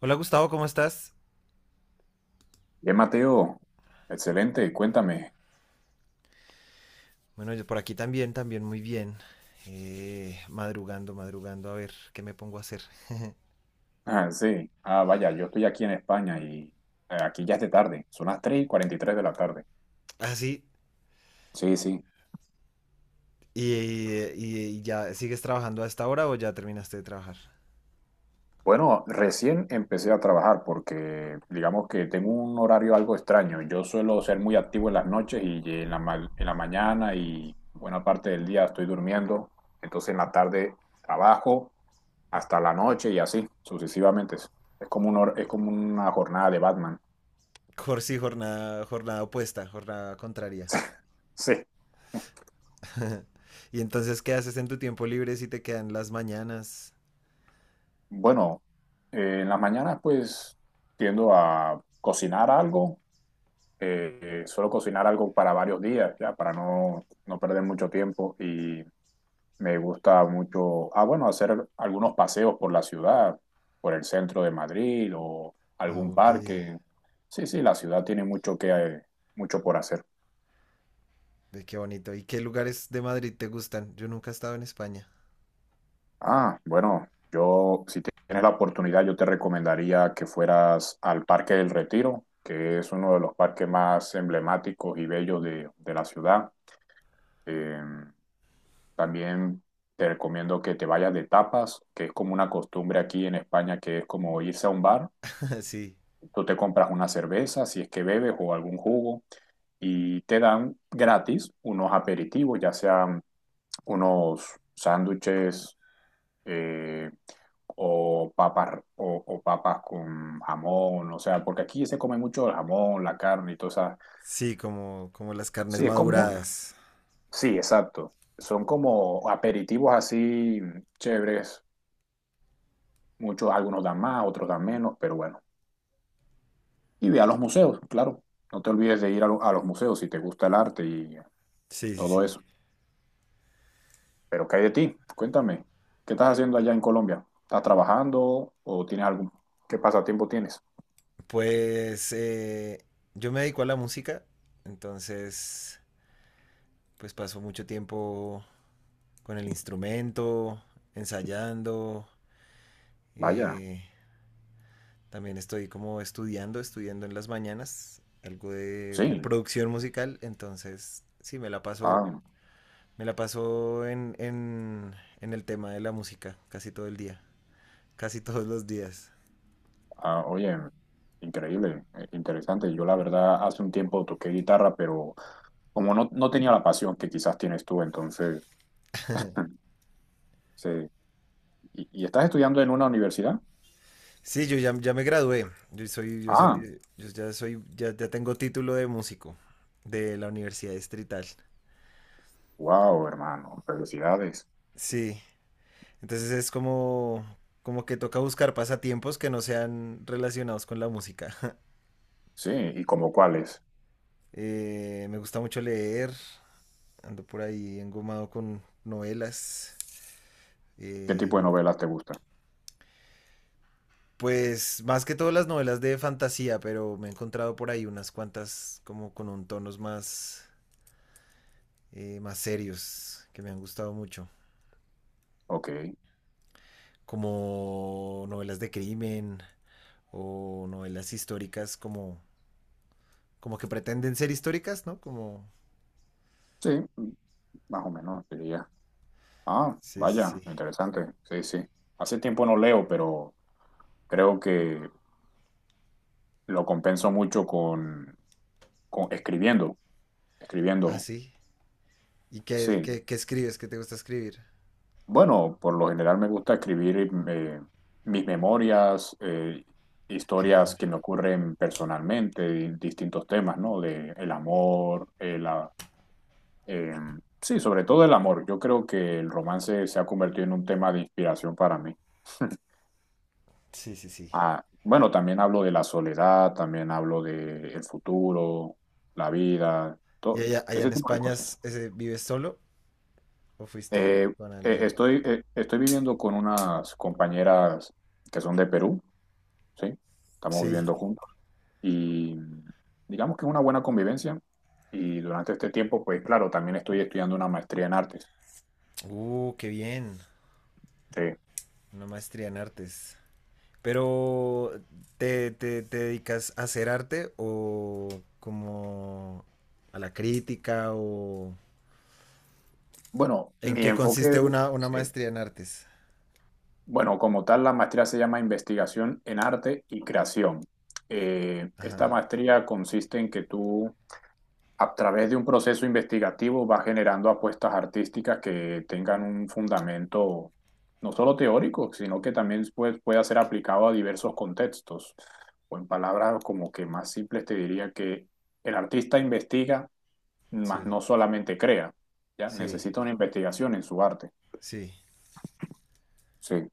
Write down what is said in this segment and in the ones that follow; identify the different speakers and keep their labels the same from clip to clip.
Speaker 1: Hola Gustavo, ¿cómo estás?
Speaker 2: Bien, Mateo, excelente, cuéntame.
Speaker 1: Bueno, yo por aquí también, también muy bien. Madrugando, madrugando, a ver qué me pongo a hacer.
Speaker 2: Ah, sí, ah, vaya, yo estoy aquí en España y aquí ya es de tarde, son las 3 y cuarenta y tres de la tarde.
Speaker 1: Ah, sí.
Speaker 2: Sí, sí.
Speaker 1: ¿Y, y ya sigues trabajando a esta hora o ya terminaste de trabajar?
Speaker 2: Bueno, recién empecé a trabajar porque digamos que tengo un horario algo extraño. Yo suelo ser muy activo en las noches y en la, en la mañana y buena parte del día estoy durmiendo. Entonces en la tarde trabajo hasta la noche y así sucesivamente. Es como un es como una jornada de Batman.
Speaker 1: Sí, jornada, jornada opuesta, jornada contraria.
Speaker 2: Sí.
Speaker 1: ¿Y entonces qué haces en tu tiempo libre si te quedan las mañanas?
Speaker 2: Bueno, en las mañanas pues tiendo a cocinar algo, eh, suelo cocinar algo para varios días, ya, para no perder mucho tiempo y me gusta mucho, ah, bueno, hacer algunos paseos por la ciudad, por el centro de Madrid o
Speaker 1: Ah,
Speaker 2: algún
Speaker 1: ok,
Speaker 2: parque. Sí, sí, la ciudad tiene mucho por hacer.
Speaker 1: ve qué bonito. ¿Y qué lugares de Madrid te gustan? Yo nunca he estado en España.
Speaker 2: Ah, bueno, yo si tienes la oportunidad, yo te recomendaría que fueras al Parque del Retiro, que es uno de los parques más emblemáticos y bellos de la ciudad. Eh, también te recomiendo que te vayas de tapas, que es como una costumbre aquí en España, que es como irse a un bar.
Speaker 1: Sí,
Speaker 2: Tú te compras una cerveza, si es que bebes, o algún jugo, y te dan gratis unos aperitivos, ya sean unos sándwiches, eh, o papas, o papas con jamón, o sea, porque aquí se come mucho el jamón, la carne y todo eso.
Speaker 1: sí, como, como las carnes
Speaker 2: Sí, es común.
Speaker 1: maduradas.
Speaker 2: Sí, exacto. Son como aperitivos así chéveres. Muchos, algunos dan más, otros dan menos, pero bueno. Y ve a los museos, claro. No te olvides de ir a los museos si te gusta el arte y
Speaker 1: Sí, sí,
Speaker 2: todo
Speaker 1: sí.
Speaker 2: eso. Pero ¿qué hay de ti? Cuéntame, ¿qué estás haciendo allá en Colombia? ¿Estás trabajando o tienes algún, qué pasatiempo tienes?
Speaker 1: Pues yo me dedico a la música, entonces pues paso mucho tiempo con el instrumento, ensayando,
Speaker 2: Vaya,
Speaker 1: eh, también estoy como estudiando, estudiando en las mañanas algo de
Speaker 2: sí.
Speaker 1: producción musical, entonces sí,
Speaker 2: Ah.
Speaker 1: me la paso en el tema de la música casi todo el día, casi todos los días.
Speaker 2: Ah, oye, increíble, interesante. Yo la verdad hace un tiempo toqué guitarra, pero como no tenía la pasión que quizás tienes tú, entonces, sí. ¿Y, estás estudiando en una universidad?
Speaker 1: Sí, yo ya, ya me gradué. Yo soy, yo
Speaker 2: Ah,
Speaker 1: soy, yo ya soy, ya, ya tengo título de músico de la Universidad Distrital.
Speaker 2: wow, hermano, felicidades.
Speaker 1: Sí. Entonces es como, como que toca buscar pasatiempos que no sean relacionados con la música.
Speaker 2: Sí, ¿y como cuáles?
Speaker 1: Me gusta mucho leer. Ando por ahí engomado con novelas.
Speaker 2: ¿Qué
Speaker 1: eh,
Speaker 2: tipo de novelas te gustan?
Speaker 1: pues más que todo las novelas de fantasía, pero me he encontrado por ahí unas cuantas como con un tonos más, más serios que me han gustado mucho.
Speaker 2: Ok,
Speaker 1: Como novelas de crimen o novelas históricas como, como que pretenden ser históricas, ¿no? Como...
Speaker 2: sí, más o menos diría. Ah,
Speaker 1: Sí, sí,
Speaker 2: vaya,
Speaker 1: sí.
Speaker 2: interesante, sí, sí. Hace tiempo no leo, pero creo que lo compenso mucho con escribiendo,
Speaker 1: Ah,
Speaker 2: escribiendo.
Speaker 1: sí. ¿Y qué,
Speaker 2: Sí,
Speaker 1: qué, qué escribes? ¿Qué te gusta escribir?
Speaker 2: bueno, por lo general me gusta escribir, eh, mis memorias,
Speaker 1: Qué bien.
Speaker 2: historias que me ocurren personalmente, distintos temas, ¿no? De el amor, eh, sí, sobre todo el amor. Yo creo que el romance se ha convertido en un tema de inspiración para mí.
Speaker 1: Sí, sí, sí.
Speaker 2: Ah, bueno, también hablo de la soledad, también hablo de el futuro, la vida,
Speaker 1: ¿Y
Speaker 2: todo
Speaker 1: allá, allá
Speaker 2: ese
Speaker 1: en
Speaker 2: tipo de
Speaker 1: España
Speaker 2: cosas.
Speaker 1: ese, vives solo o fuiste
Speaker 2: Eh,
Speaker 1: con alguien?
Speaker 2: estoy viviendo con unas compañeras que son de Perú. ¿Sí? Estamos
Speaker 1: Sí.
Speaker 2: viviendo juntos y digamos que es una buena convivencia. Y durante este tiempo, pues claro, también estoy estudiando una maestría en artes.
Speaker 1: Qué bien.
Speaker 2: Sí.
Speaker 1: Una maestría en artes. Pero, ¿te, te, te dedicas a hacer arte o como a la crítica o,
Speaker 2: Bueno,
Speaker 1: ¿en
Speaker 2: mi
Speaker 1: qué
Speaker 2: enfoque,
Speaker 1: consiste una
Speaker 2: sí.
Speaker 1: maestría en artes?
Speaker 2: Bueno, como tal, la maestría se llama Investigación en Arte y Creación. Esta
Speaker 1: Ajá,
Speaker 2: maestría consiste en que tú a través de un proceso investigativo va generando apuestas artísticas que tengan un fundamento no solo teórico, sino que también puede pueda ser aplicado a diversos contextos. O en palabras como que más simples te diría que el artista investiga, mas
Speaker 1: sí,
Speaker 2: no solamente crea, ¿ya?
Speaker 1: sí,
Speaker 2: Necesita una investigación en su arte.
Speaker 1: sí.
Speaker 2: Sí.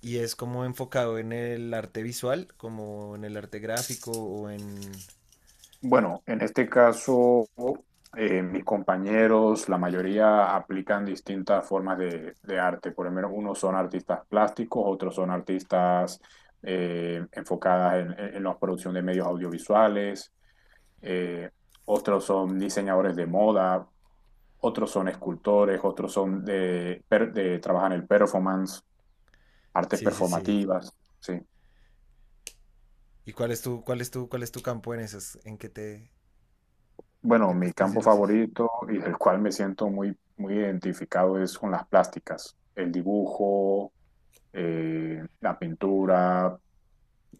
Speaker 1: Y es como enfocado en el arte visual, como en el arte gráfico o en...
Speaker 2: Bueno, en este caso, mis compañeros, la mayoría aplican distintas formas de arte. Por lo menos unos son artistas plásticos, otros son artistas, enfocadas en la producción de medios audiovisuales, eh, otros son diseñadores de moda, otros son escultores, otros son trabajan el performance, artes
Speaker 1: Sí, sí, sí.
Speaker 2: performativas, ¿sí?
Speaker 1: ¿Y cuál es tu, cuál es tu, cuál es tu campo en esas? En
Speaker 2: Bueno,
Speaker 1: qué te
Speaker 2: mi campo
Speaker 1: especialices?
Speaker 2: favorito y el cual me siento muy, muy identificado es con las plásticas, el dibujo, la pintura,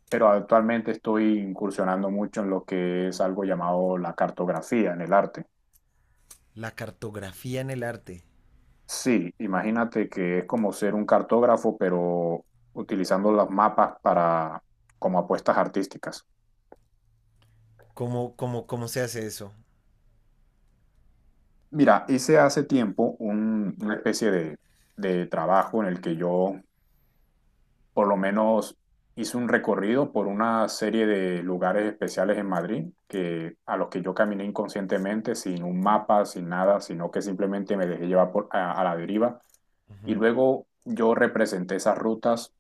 Speaker 2: pero actualmente estoy incursionando mucho en lo que es algo llamado la cartografía en el arte.
Speaker 1: La cartografía en el arte.
Speaker 2: Sí, imagínate que es como ser un cartógrafo, pero utilizando los mapas para como apuestas artísticas.
Speaker 1: ¿Cómo, cómo, cómo se hace eso?
Speaker 2: Mira, hice hace tiempo una especie de trabajo en el que yo por lo menos hice un recorrido por una serie de lugares especiales en Madrid que, a los que yo caminé inconscientemente, sin un mapa, sin nada, sino que simplemente me dejé llevar a la deriva. Y
Speaker 1: Ujú.
Speaker 2: luego yo representé esas rutas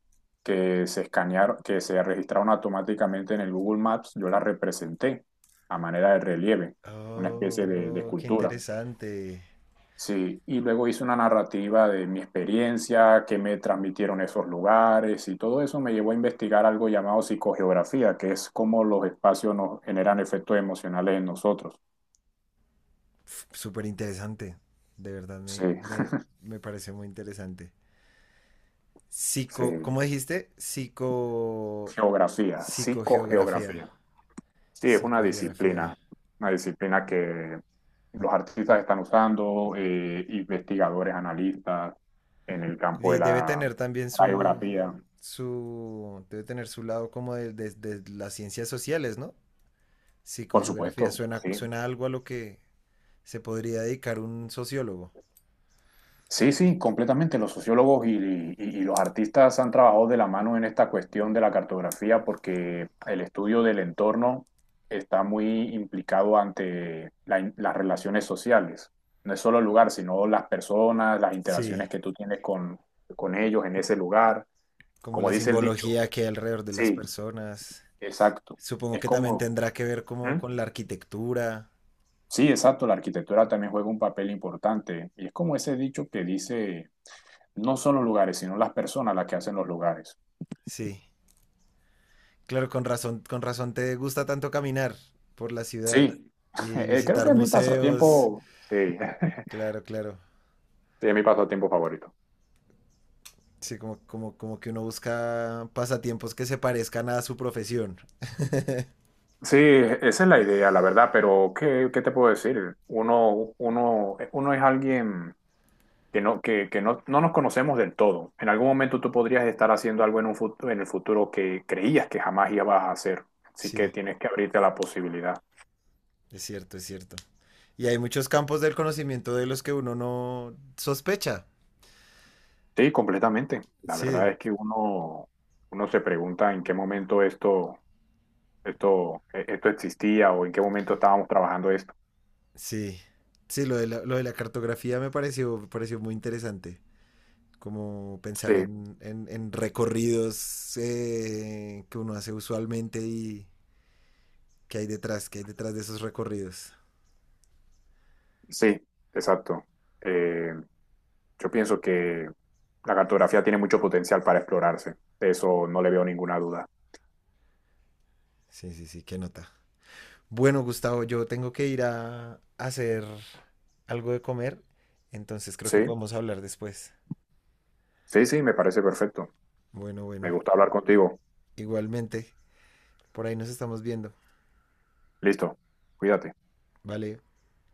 Speaker 2: que se escanearon, que se registraron automáticamente en el Google Maps, yo las representé a manera de relieve, una especie de
Speaker 1: Oh, qué
Speaker 2: escultura.
Speaker 1: interesante.
Speaker 2: Sí, y luego hice una narrativa de mi experiencia, qué me transmitieron esos lugares y todo eso me llevó a investigar algo llamado psicogeografía, que es cómo los espacios nos generan efectos emocionales en nosotros.
Speaker 1: Súper interesante. De verdad,
Speaker 2: Sí,
Speaker 1: me parece muy interesante.
Speaker 2: sí,
Speaker 1: Psico, ¿cómo dijiste? Psico,
Speaker 2: geografía,
Speaker 1: psicogeografía.
Speaker 2: psicogeografía. Sí, es
Speaker 1: Psicogeografía.
Speaker 2: una disciplina que los artistas están usando, investigadores, analistas en el campo de
Speaker 1: Y debe
Speaker 2: la,
Speaker 1: tener también
Speaker 2: la
Speaker 1: su,
Speaker 2: geografía,
Speaker 1: su, debe tener su lado como de, de las ciencias sociales, ¿no?
Speaker 2: por
Speaker 1: Psicogeografía.
Speaker 2: supuesto,
Speaker 1: Suena,
Speaker 2: sí.
Speaker 1: suena algo a lo que se podría dedicar un sociólogo.
Speaker 2: Sí, sí, completamente. Los sociólogos y los artistas han trabajado de la mano en esta cuestión de la cartografía porque el estudio del entorno está muy implicado ante la las relaciones sociales. No es solo el lugar, sino las personas, las
Speaker 1: Sí,
Speaker 2: interacciones que tú tienes con ellos en ese lugar.
Speaker 1: como
Speaker 2: Como
Speaker 1: la
Speaker 2: dice el dicho.
Speaker 1: simbología que hay alrededor de las
Speaker 2: Sí,
Speaker 1: personas.
Speaker 2: exacto.
Speaker 1: Supongo
Speaker 2: Es
Speaker 1: que también
Speaker 2: como...
Speaker 1: tendrá que ver como
Speaker 2: ¿Mm?
Speaker 1: con la arquitectura.
Speaker 2: Sí, exacto. La arquitectura también juega un papel importante. Y es como ese dicho que dice... no son los lugares, sino las personas las que hacen los lugares.
Speaker 1: Sí. Claro, con razón te gusta tanto caminar por la ciudad
Speaker 2: Sí,
Speaker 1: y
Speaker 2: creo
Speaker 1: visitar
Speaker 2: que es mi
Speaker 1: museos.
Speaker 2: pasatiempo. Sí,
Speaker 1: Claro, claro.
Speaker 2: sí, es mi pasatiempo favorito.
Speaker 1: Sí, como, como, como que uno busca pasatiempos que se parezcan a su profesión.
Speaker 2: Sí, esa es la idea, la verdad, pero ¿qué, qué te puedo decir? Uno es alguien que no nos conocemos del todo. En algún momento tú podrías estar haciendo algo en un futuro, en el futuro que creías que jamás ibas a hacer. Así que
Speaker 1: Sí,
Speaker 2: tienes que abrirte a la posibilidad.
Speaker 1: es cierto, es cierto. Y hay muchos campos del conocimiento de los que uno no sospecha.
Speaker 2: Sí, completamente. La verdad
Speaker 1: Sí,
Speaker 2: es que uno se pregunta en qué momento esto esto existía o en qué momento estábamos trabajando esto.
Speaker 1: sí. Sí, lo de la cartografía me pareció muy interesante. Como pensar
Speaker 2: Sí,
Speaker 1: en, en recorridos que uno hace usualmente y, ¿qué hay detrás? ¿Qué hay detrás de esos recorridos?
Speaker 2: sí, exacto. Eh, yo pienso que la cartografía tiene mucho potencial para explorarse. De eso no le veo ninguna duda.
Speaker 1: Sí, sí, sí, qué nota. Bueno, Gustavo, yo tengo que ir a hacer algo de comer, entonces creo que
Speaker 2: Sí,
Speaker 1: podemos hablar después.
Speaker 2: sí, sí, me parece perfecto.
Speaker 1: Bueno,
Speaker 2: Me
Speaker 1: bueno.
Speaker 2: gusta hablar contigo.
Speaker 1: Igualmente, por ahí nos estamos viendo.
Speaker 2: Listo, cuídate.
Speaker 1: Vale.